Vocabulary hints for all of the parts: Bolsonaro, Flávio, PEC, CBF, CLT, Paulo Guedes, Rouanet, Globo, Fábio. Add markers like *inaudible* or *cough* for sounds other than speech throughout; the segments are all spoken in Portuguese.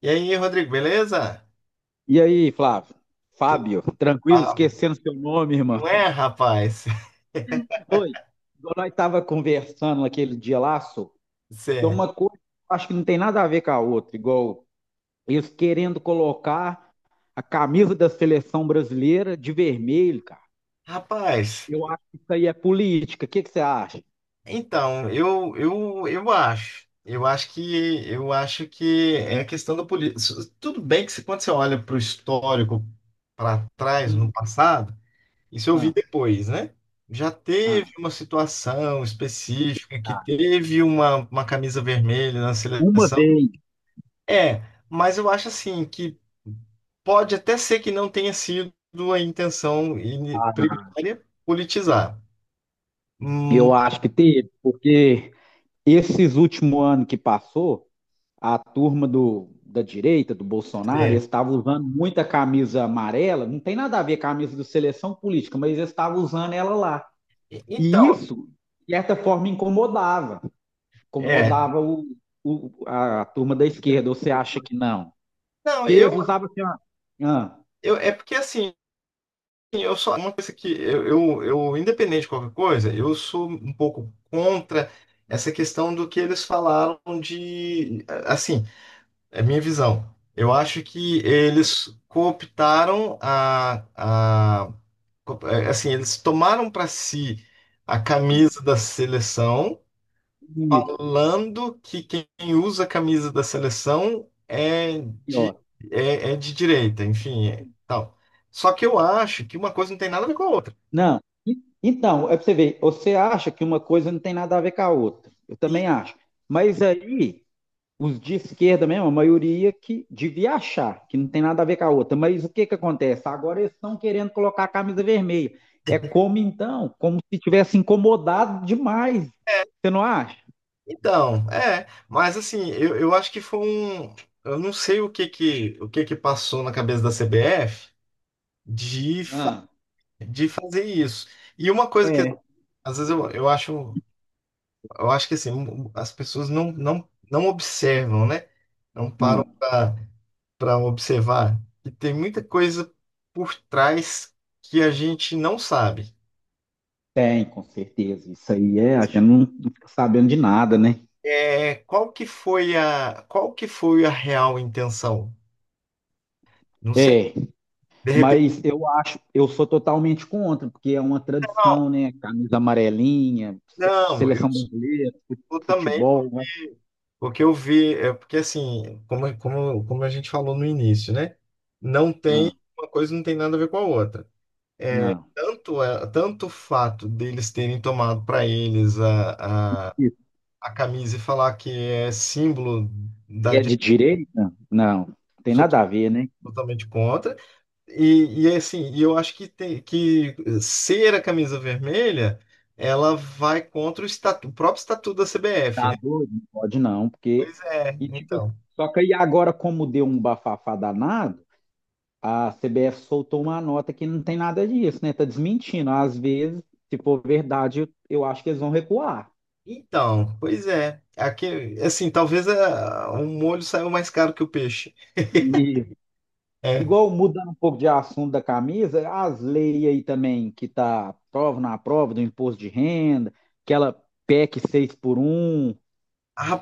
E aí, Rodrigo, beleza? E aí, Flávio? Tu... Fábio, tranquilo, Ah, esquecendo seu nome, irmão. não é, rapaz? *laughs* Oi, igual nós estava conversando naquele dia lá, só, Cê... tem é. uma coisa que eu acho que não tem nada a ver com a outra, igual eles querendo colocar a camisa da seleção brasileira de vermelho, cara. Rapaz, Eu acho que isso aí é política. O que que você acha? então, eu acho. Eu acho que é a questão da política. Tudo bem que quando você olha para o histórico para trás, no Hum. passado, isso eu vi Ah. depois, né? Já teve Ah, uma situação específica que tá. teve uma camisa vermelha na Uma seleção. vez. É, mas eu acho assim que pode até ser que não tenha sido a primária politizar. Hum, Eu acho que teve, porque esses últimos anos que passou, a turma do, da direita, do Bolsonaro, é. eles estavam usando muita camisa amarela, não tem nada a ver com a camisa do seleção política, mas eles estavam usando ela lá. E Então, isso, de certa forma, incomodava. é. Incomodava a turma da esquerda, ou você acha que não? Não, Porque eles usavam assim, ó. Ah. eu é porque assim, eu só uma coisa que independente de qualquer coisa, eu sou um pouco contra essa questão do que eles falaram de assim, é a minha visão. Eu acho que eles cooptaram a, é, assim, eles tomaram para si a camisa Ah, da seleção, isso, falando que quem usa a camisa da seleção e de, ó. é de direita, enfim, é, tal. Só que eu acho que uma coisa não tem nada a ver com a outra. Não. Então, é pra você ver, você acha que uma coisa não tem nada a ver com a outra. Eu também Sim, acho. Mas aí, os de esquerda mesmo, a maioria que devia achar que não tem nada a ver com a outra. Mas o que, que acontece? Agora eles estão querendo colocar a camisa vermelha. É como então, como se tivesse incomodado demais. é. Você não acha? Então, é, mas assim, eu acho que foi um. Eu não sei o que que passou na cabeça da CBF de, fa- Ah. de fazer isso. E uma coisa que É. às vezes Eu acho que assim, as pessoas não observam, né? Não param Ah, para observar. E tem muita coisa por trás que a gente não sabe. tem, com certeza. Isso aí é, a gente não fica sabendo de nada, né? É, qual que foi a real intenção? Não sei. É, De repente, mas eu acho, eu sou totalmente contra, porque é uma não, tradição, né? Camisa amarelinha, se- não, eu seleção brasileira, fu- sou também, futebol. Eu acho- porque eu vi, é, porque assim, como a gente falou no início, né? Não tem, Ah, uma coisa não tem nada a ver com a outra. Não. Tanto o fato deles terem tomado para eles a camisa e falar que é símbolo Que da é direita, de direita? Não, eu tem sou nada a ver, né? totalmente contra. E eu acho que, tem, que ser a camisa vermelha, ela vai contra o próprio estatuto da CBF, Tá né? doido? Não pode não, porque. Pois é, E tipo, assim, então. só que aí agora, como deu um bafafá danado, a CBF soltou uma nota que não tem nada disso, né? Tá desmentindo. Às vezes, se for verdade, eu acho que eles vão recuar. Então, pois é. Aqui, assim, talvez a, o molho saiu mais caro que o peixe. E, É. igual mudando um pouco de assunto da camisa, as leis aí também que tá prova na prova do imposto de renda, aquela PEC 6 por um,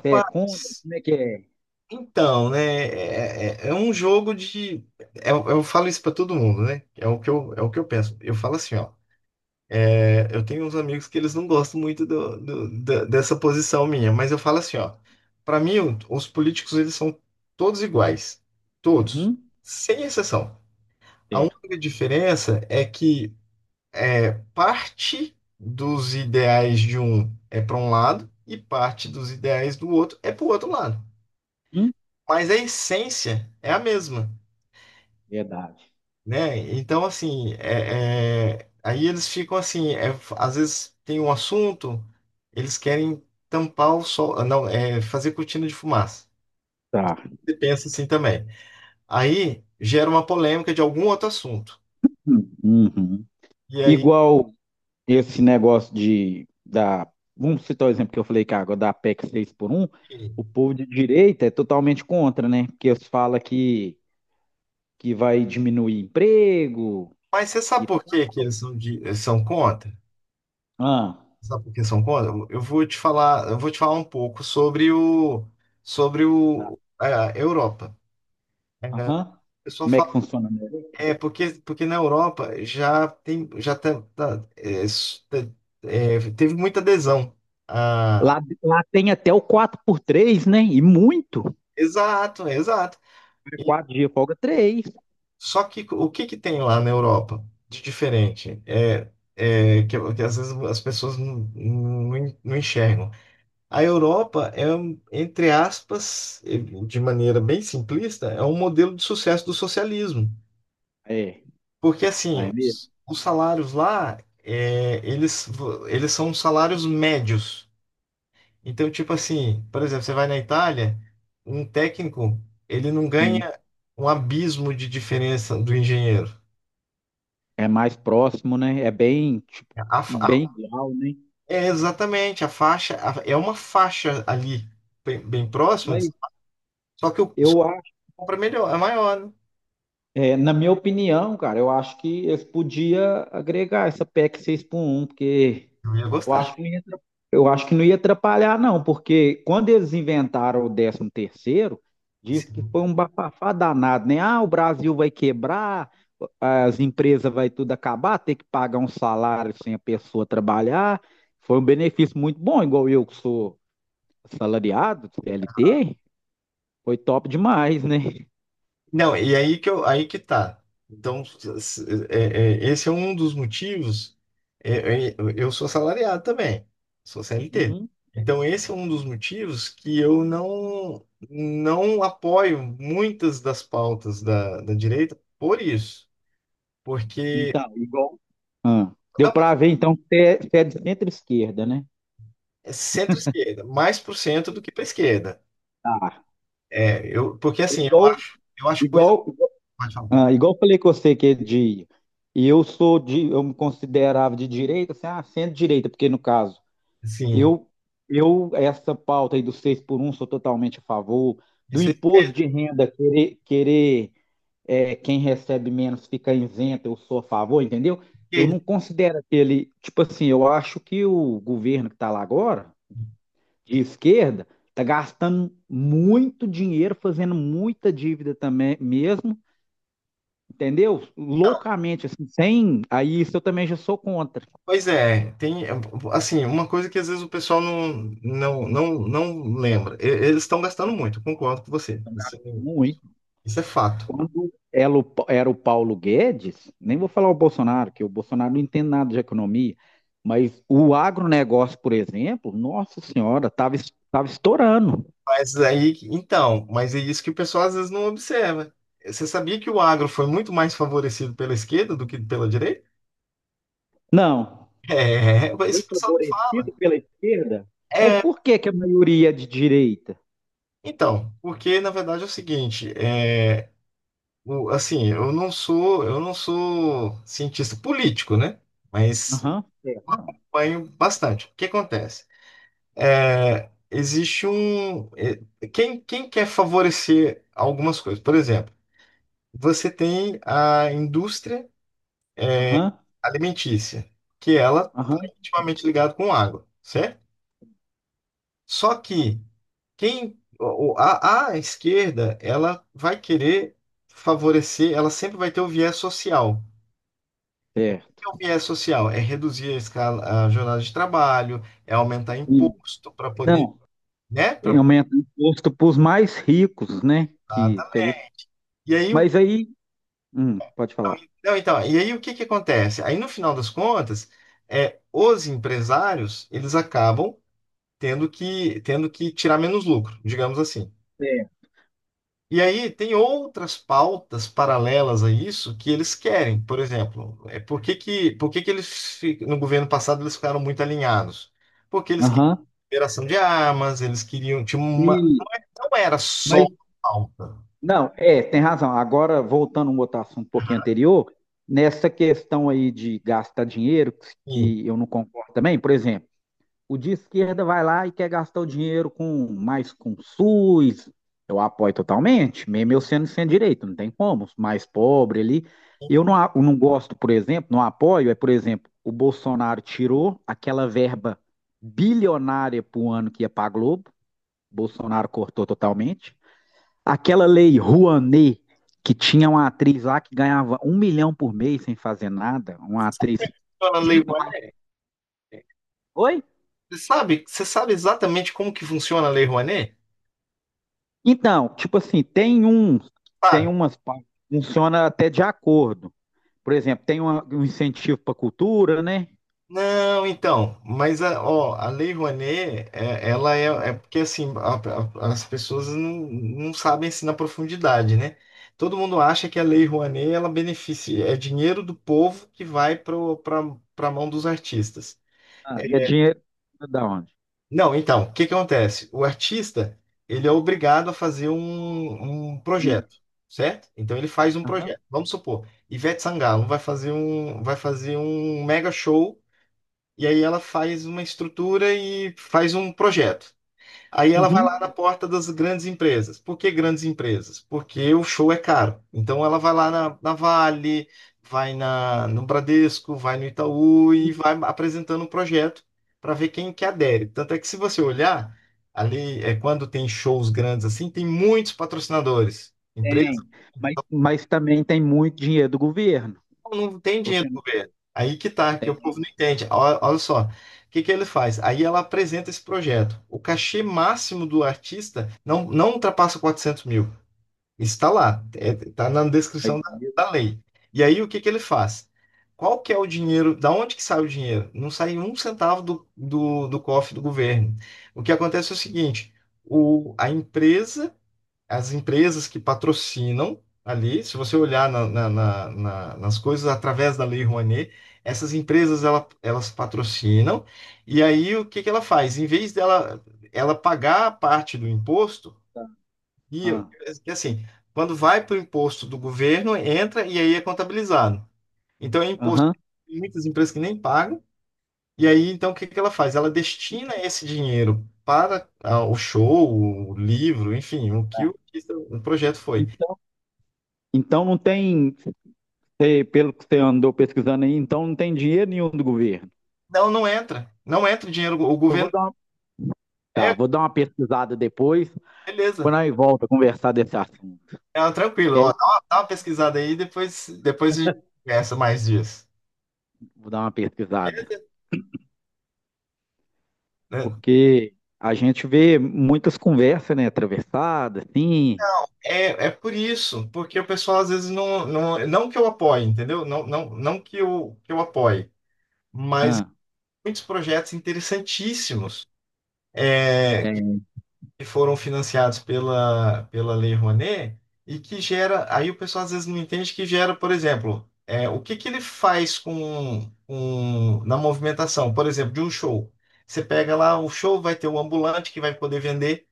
você é contra? Como é que é? Então, né, é um jogo de. Eu falo isso pra todo mundo, né? É o que eu, é o que eu penso. Eu falo assim, ó. É, eu tenho uns amigos que eles não gostam muito dessa posição minha, mas eu falo assim, ó. Pra mim, os políticos, eles são todos iguais. Todos. Uhum. Sem exceção. A Certo. única diferença é que é, parte dos ideais de um é para um lado e parte dos ideais do outro é para o outro lado. Mas a essência é a mesma. Verdade. Né? Então, assim, aí eles ficam assim, às vezes tem um assunto, eles querem tampar o sol, ah, não, é, fazer cortina de fumaça. Tá. Você pensa assim também. Aí gera uma polêmica de algum outro assunto. Hum. Uhum. E aí, Igual esse negócio de da. Vamos citar o exemplo que eu falei que agora da PEC 6 por um o povo de direita é totalmente contra, né? Porque eles falam que vai diminuir emprego mas você sabe e por tal. que que eles são, de, são contra? Ah, Sabe por que são contra? Eu vou te falar, eu vou te falar um pouco sobre o, sobre tá. o, a Europa. É, o Aham. pessoal Como é que fala. funciona? Né? É, porque na Europa já tem, já tá, tá, é, s- tá, é, teve muita adesão. Ah, Lá tem até o quatro por três, né? E muito. exato, exato. E, Quatro dias folga três. só que o que que tem lá na Europa de diferente? É, é que às vezes as pessoas não enxergam. A Europa é, um, entre aspas, eh, de maneira bem simplista, é um modelo de sucesso do socialismo. É, Porque lá assim, é mesmo. Os salários lá, é, eles são salários médios. Então, tipo assim, por exemplo, você vai na Itália, um técnico, ele não ganha um abismo de diferença do engenheiro. É mais próximo, né? É bem, tipo, A fa- bem igual, né? é exatamente, é uma faixa ali, bem, bem próxima, Mas só que o só eu que acho, compra melhor, é maior, né? é, na minha opinião, cara, eu acho que eles podiam agregar essa PEC seis por um porque Eu ia eu gostar. acho que não ia, atra- eu acho que não ia atrapalhar, não, porque quando eles inventaram o décimo terceiro, disse que foi um bafafá danado, né? Ah, o Brasil vai quebrar, as empresas vai tudo acabar, ter que pagar um salário sem a pessoa trabalhar. Foi um benefício muito bom, igual eu que sou assalariado, CLT, foi top demais, né? Não, aí que tá. Então, esse é um dos motivos. Eu sou assalariado também, sou CLT. Uhum. Então, esse é um dos motivos que eu não apoio muitas das pautas da direita por isso. Porque Então, igual. Ah, deu não, para ver, então, que você é de centro-esquerda, né? é centro-esquerda, mais pro centro do que para esquerda. Tá. É, eu, porque É. assim, Igual, eu acho coisa. igual, igual, Pode falar. ah, igual eu falei com você que é de. E eu sou de. Eu me considerava de direita, assim, ah, centro-direita, porque no caso, Assim, eu, essa pauta aí do 6 por um sou totalmente a favor. Do isso imposto de renda, querer, é, quem recebe menos fica isento, eu sou a favor, entendeu? Eu é. não considero aquele. Tipo assim, eu acho que o governo que está lá agora, de esquerda, está gastando muito dinheiro, fazendo muita dívida também mesmo, entendeu? Loucamente, assim, sem. Aí isso eu também já sou contra. Pois é, tem assim, uma coisa que às vezes o pessoal não lembra. Eles estão gastando muito, concordo com você. Então, Isso, gasta muito. isso é fato. Quando era o Paulo Guedes, nem vou falar o Bolsonaro, que o Bolsonaro não entende nada de economia, mas o agronegócio, por exemplo, nossa senhora, estava estourando. Mas aí, então, mas é isso que o pessoal às vezes não observa. Você sabia que o agro foi muito mais favorecido pela esquerda do que pela direita? *laughs* Não, É, mas foi isso o pessoal não fala. favorecido pela esquerda, mas É, por que, que a maioria é de direita? então, porque na verdade é o seguinte, é, o, assim, eu não sou cientista político, né? Mas Aham, é, não. acompanho bastante. O que acontece? É, existe um. É, quem quer favorecer algumas coisas? Por exemplo, você tem a indústria Aham. alimentícia, que ela é Aham, intimamente ligada com água, certo? Só que a esquerda, ela vai querer favorecer, ela sempre vai ter o viés social. O é. que é o viés social? É reduzir a escala, a jornada de trabalho, é aumentar E, imposto para poder, não, né? e aumenta o imposto para os mais ricos, né? Que seria, os- E aí, o. mas aí, pode falar. Não, então, e aí o que que acontece? Aí no final das contas, é, os empresários, eles acabam tendo que tirar menos lucro, digamos assim. É. E aí tem outras pautas paralelas a isso que eles querem. Por exemplo, é, por que que eles, no governo passado, eles ficaram muito alinhados? Porque eles queriam Aham. liberação de armas, eles queriam, tinha E, uma, não era só mas pauta. não, é, tem razão. Agora, voltando a um outro assunto um pouquinho anterior, nessa questão aí de gastar dinheiro, Sim. que eu não concordo também, por exemplo. O de esquerda vai lá e quer gastar o dinheiro com mais com SUS. Eu apoio totalmente, mesmo eu sendo sem direito, não tem como, mais pobre ali. Eu não gosto, por exemplo, não apoio, é, por exemplo, o Bolsonaro tirou aquela verba bilionária para o ano que ia para a Globo, Bolsonaro cortou totalmente. Aquela Lei Rouanet, que tinha uma atriz lá que ganhava 1 milhão por mês sem fazer nada, uma atriz. Então, a Lei Rouanet, Oi? Você sabe exatamente como que funciona a Lei Rouanet? Então, tipo assim, tem um, tem Sabe? umas partes que funciona até de acordo. Por exemplo, tem um incentivo para cultura, né? Não, então, mas a, ó, a Lei Rouanet, é, ela é, é porque assim, as pessoas não sabem assim na profundidade, né? Todo mundo acha que a Lei Rouanet, ela beneficia, é dinheiro do povo que vai para a mão dos artistas. Ah, e é É, dinheiro da onde? não, então, o que que acontece? O artista, ele é obrigado a fazer um E, projeto, certo? Então ele faz um aham, projeto. Vamos supor, Ivete Sangalo vai fazer um mega show. E aí ela faz uma estrutura e faz um projeto. Aí ela vai lá uhum, na porta das grandes empresas. Por que grandes empresas? Porque o show é caro. Então ela vai na Vale, no Bradesco, vai no Itaú e e vai apresentando um projeto para ver quem que adere. Tanto é que se você olhar, ali é quando tem shows grandes assim, tem muitos patrocinadores. tem, mas também tem muito dinheiro do governo. Não tem dinheiro Você do não governo. Aí que tá, que o povo tem não entende. Olha só, o que que ele faz? Aí ela apresenta esse projeto. O cachê máximo do artista não ultrapassa 400 mil. Isso está lá, está na aí descrição dinheiro. da lei. E aí o que que ele faz? Qual que é o dinheiro? Da onde que sai o dinheiro? Não sai um centavo do cofre do governo. O que acontece é o seguinte: o, a empresa as empresas que patrocinam ali, se você olhar nas coisas através da Lei Rouanet, essas empresas elas patrocinam, e aí o que que ela faz? Em vez dela ela pagar a parte do imposto, Tá. e Ah, e assim, quando vai para o imposto do governo, entra e aí é contabilizado. Então é imposto, aham. tem muitas empresas que nem pagam, e aí então o que que ela faz? Ela destina esse dinheiro para ah, o show, o livro, enfim, o que o projeto foi. Então, não tem, pelo que você andou pesquisando aí, então não tem dinheiro nenhum do governo. Não, não entra. Não entra o dinheiro. O Eu governo. vou dar uma, tá, É, vou dar uma pesquisada depois, beleza. quando nós volta a conversar desse assunto. É, tranquilo. É. Ó, dá uma pesquisada aí, depois, depois a gente conversa mais disso. Vou dar uma pesquisada. Beleza? Né? Porque a gente vê muitas conversas, né? Atravessadas, assim. É, é por isso, porque o pessoal às vezes não que eu apoie, entendeu? Não que que eu apoie, mas Ah, muitos projetos interessantíssimos. É, tem. que foram financiados pela Lei Rouanet e que gera, aí o pessoal às vezes não entende que gera, por exemplo, é, o que que ele faz na movimentação, por exemplo, de um show. Você pega lá o show, vai ter o ambulante que vai poder vender,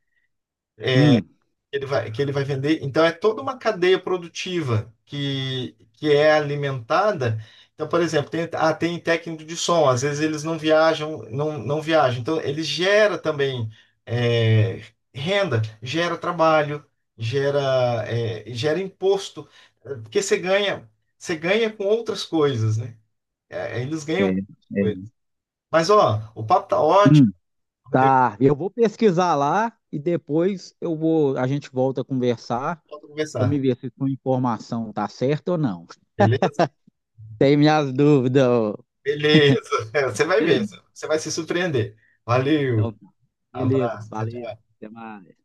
Hum, ele vai, que ele vai vender. Então, é toda uma cadeia produtiva que é alimentada. Então, por exemplo, tem, ah, tem técnico de som, às vezes eles não viajam, não viajam. Então, ele gera também é, renda, gera trabalho, gera, é, gera imposto, é, porque você ganha com outras coisas, né? É, eles ganham com tem. outras coisas. tem. Mas, ó, o papo tá ótimo, Hum. Rodrigo, Tá, eu vou pesquisar lá e depois eu vou, a gente volta a conversar pode para me conversar. ver se sua informação tá certa ou não. Beleza? Tem minhas dúvidas. Beleza. *laughs* Você vai ver. Você vai se surpreender. Então, Valeu. tá. Beleza, Abraço. Tchau, valeu. tchau. Até mais.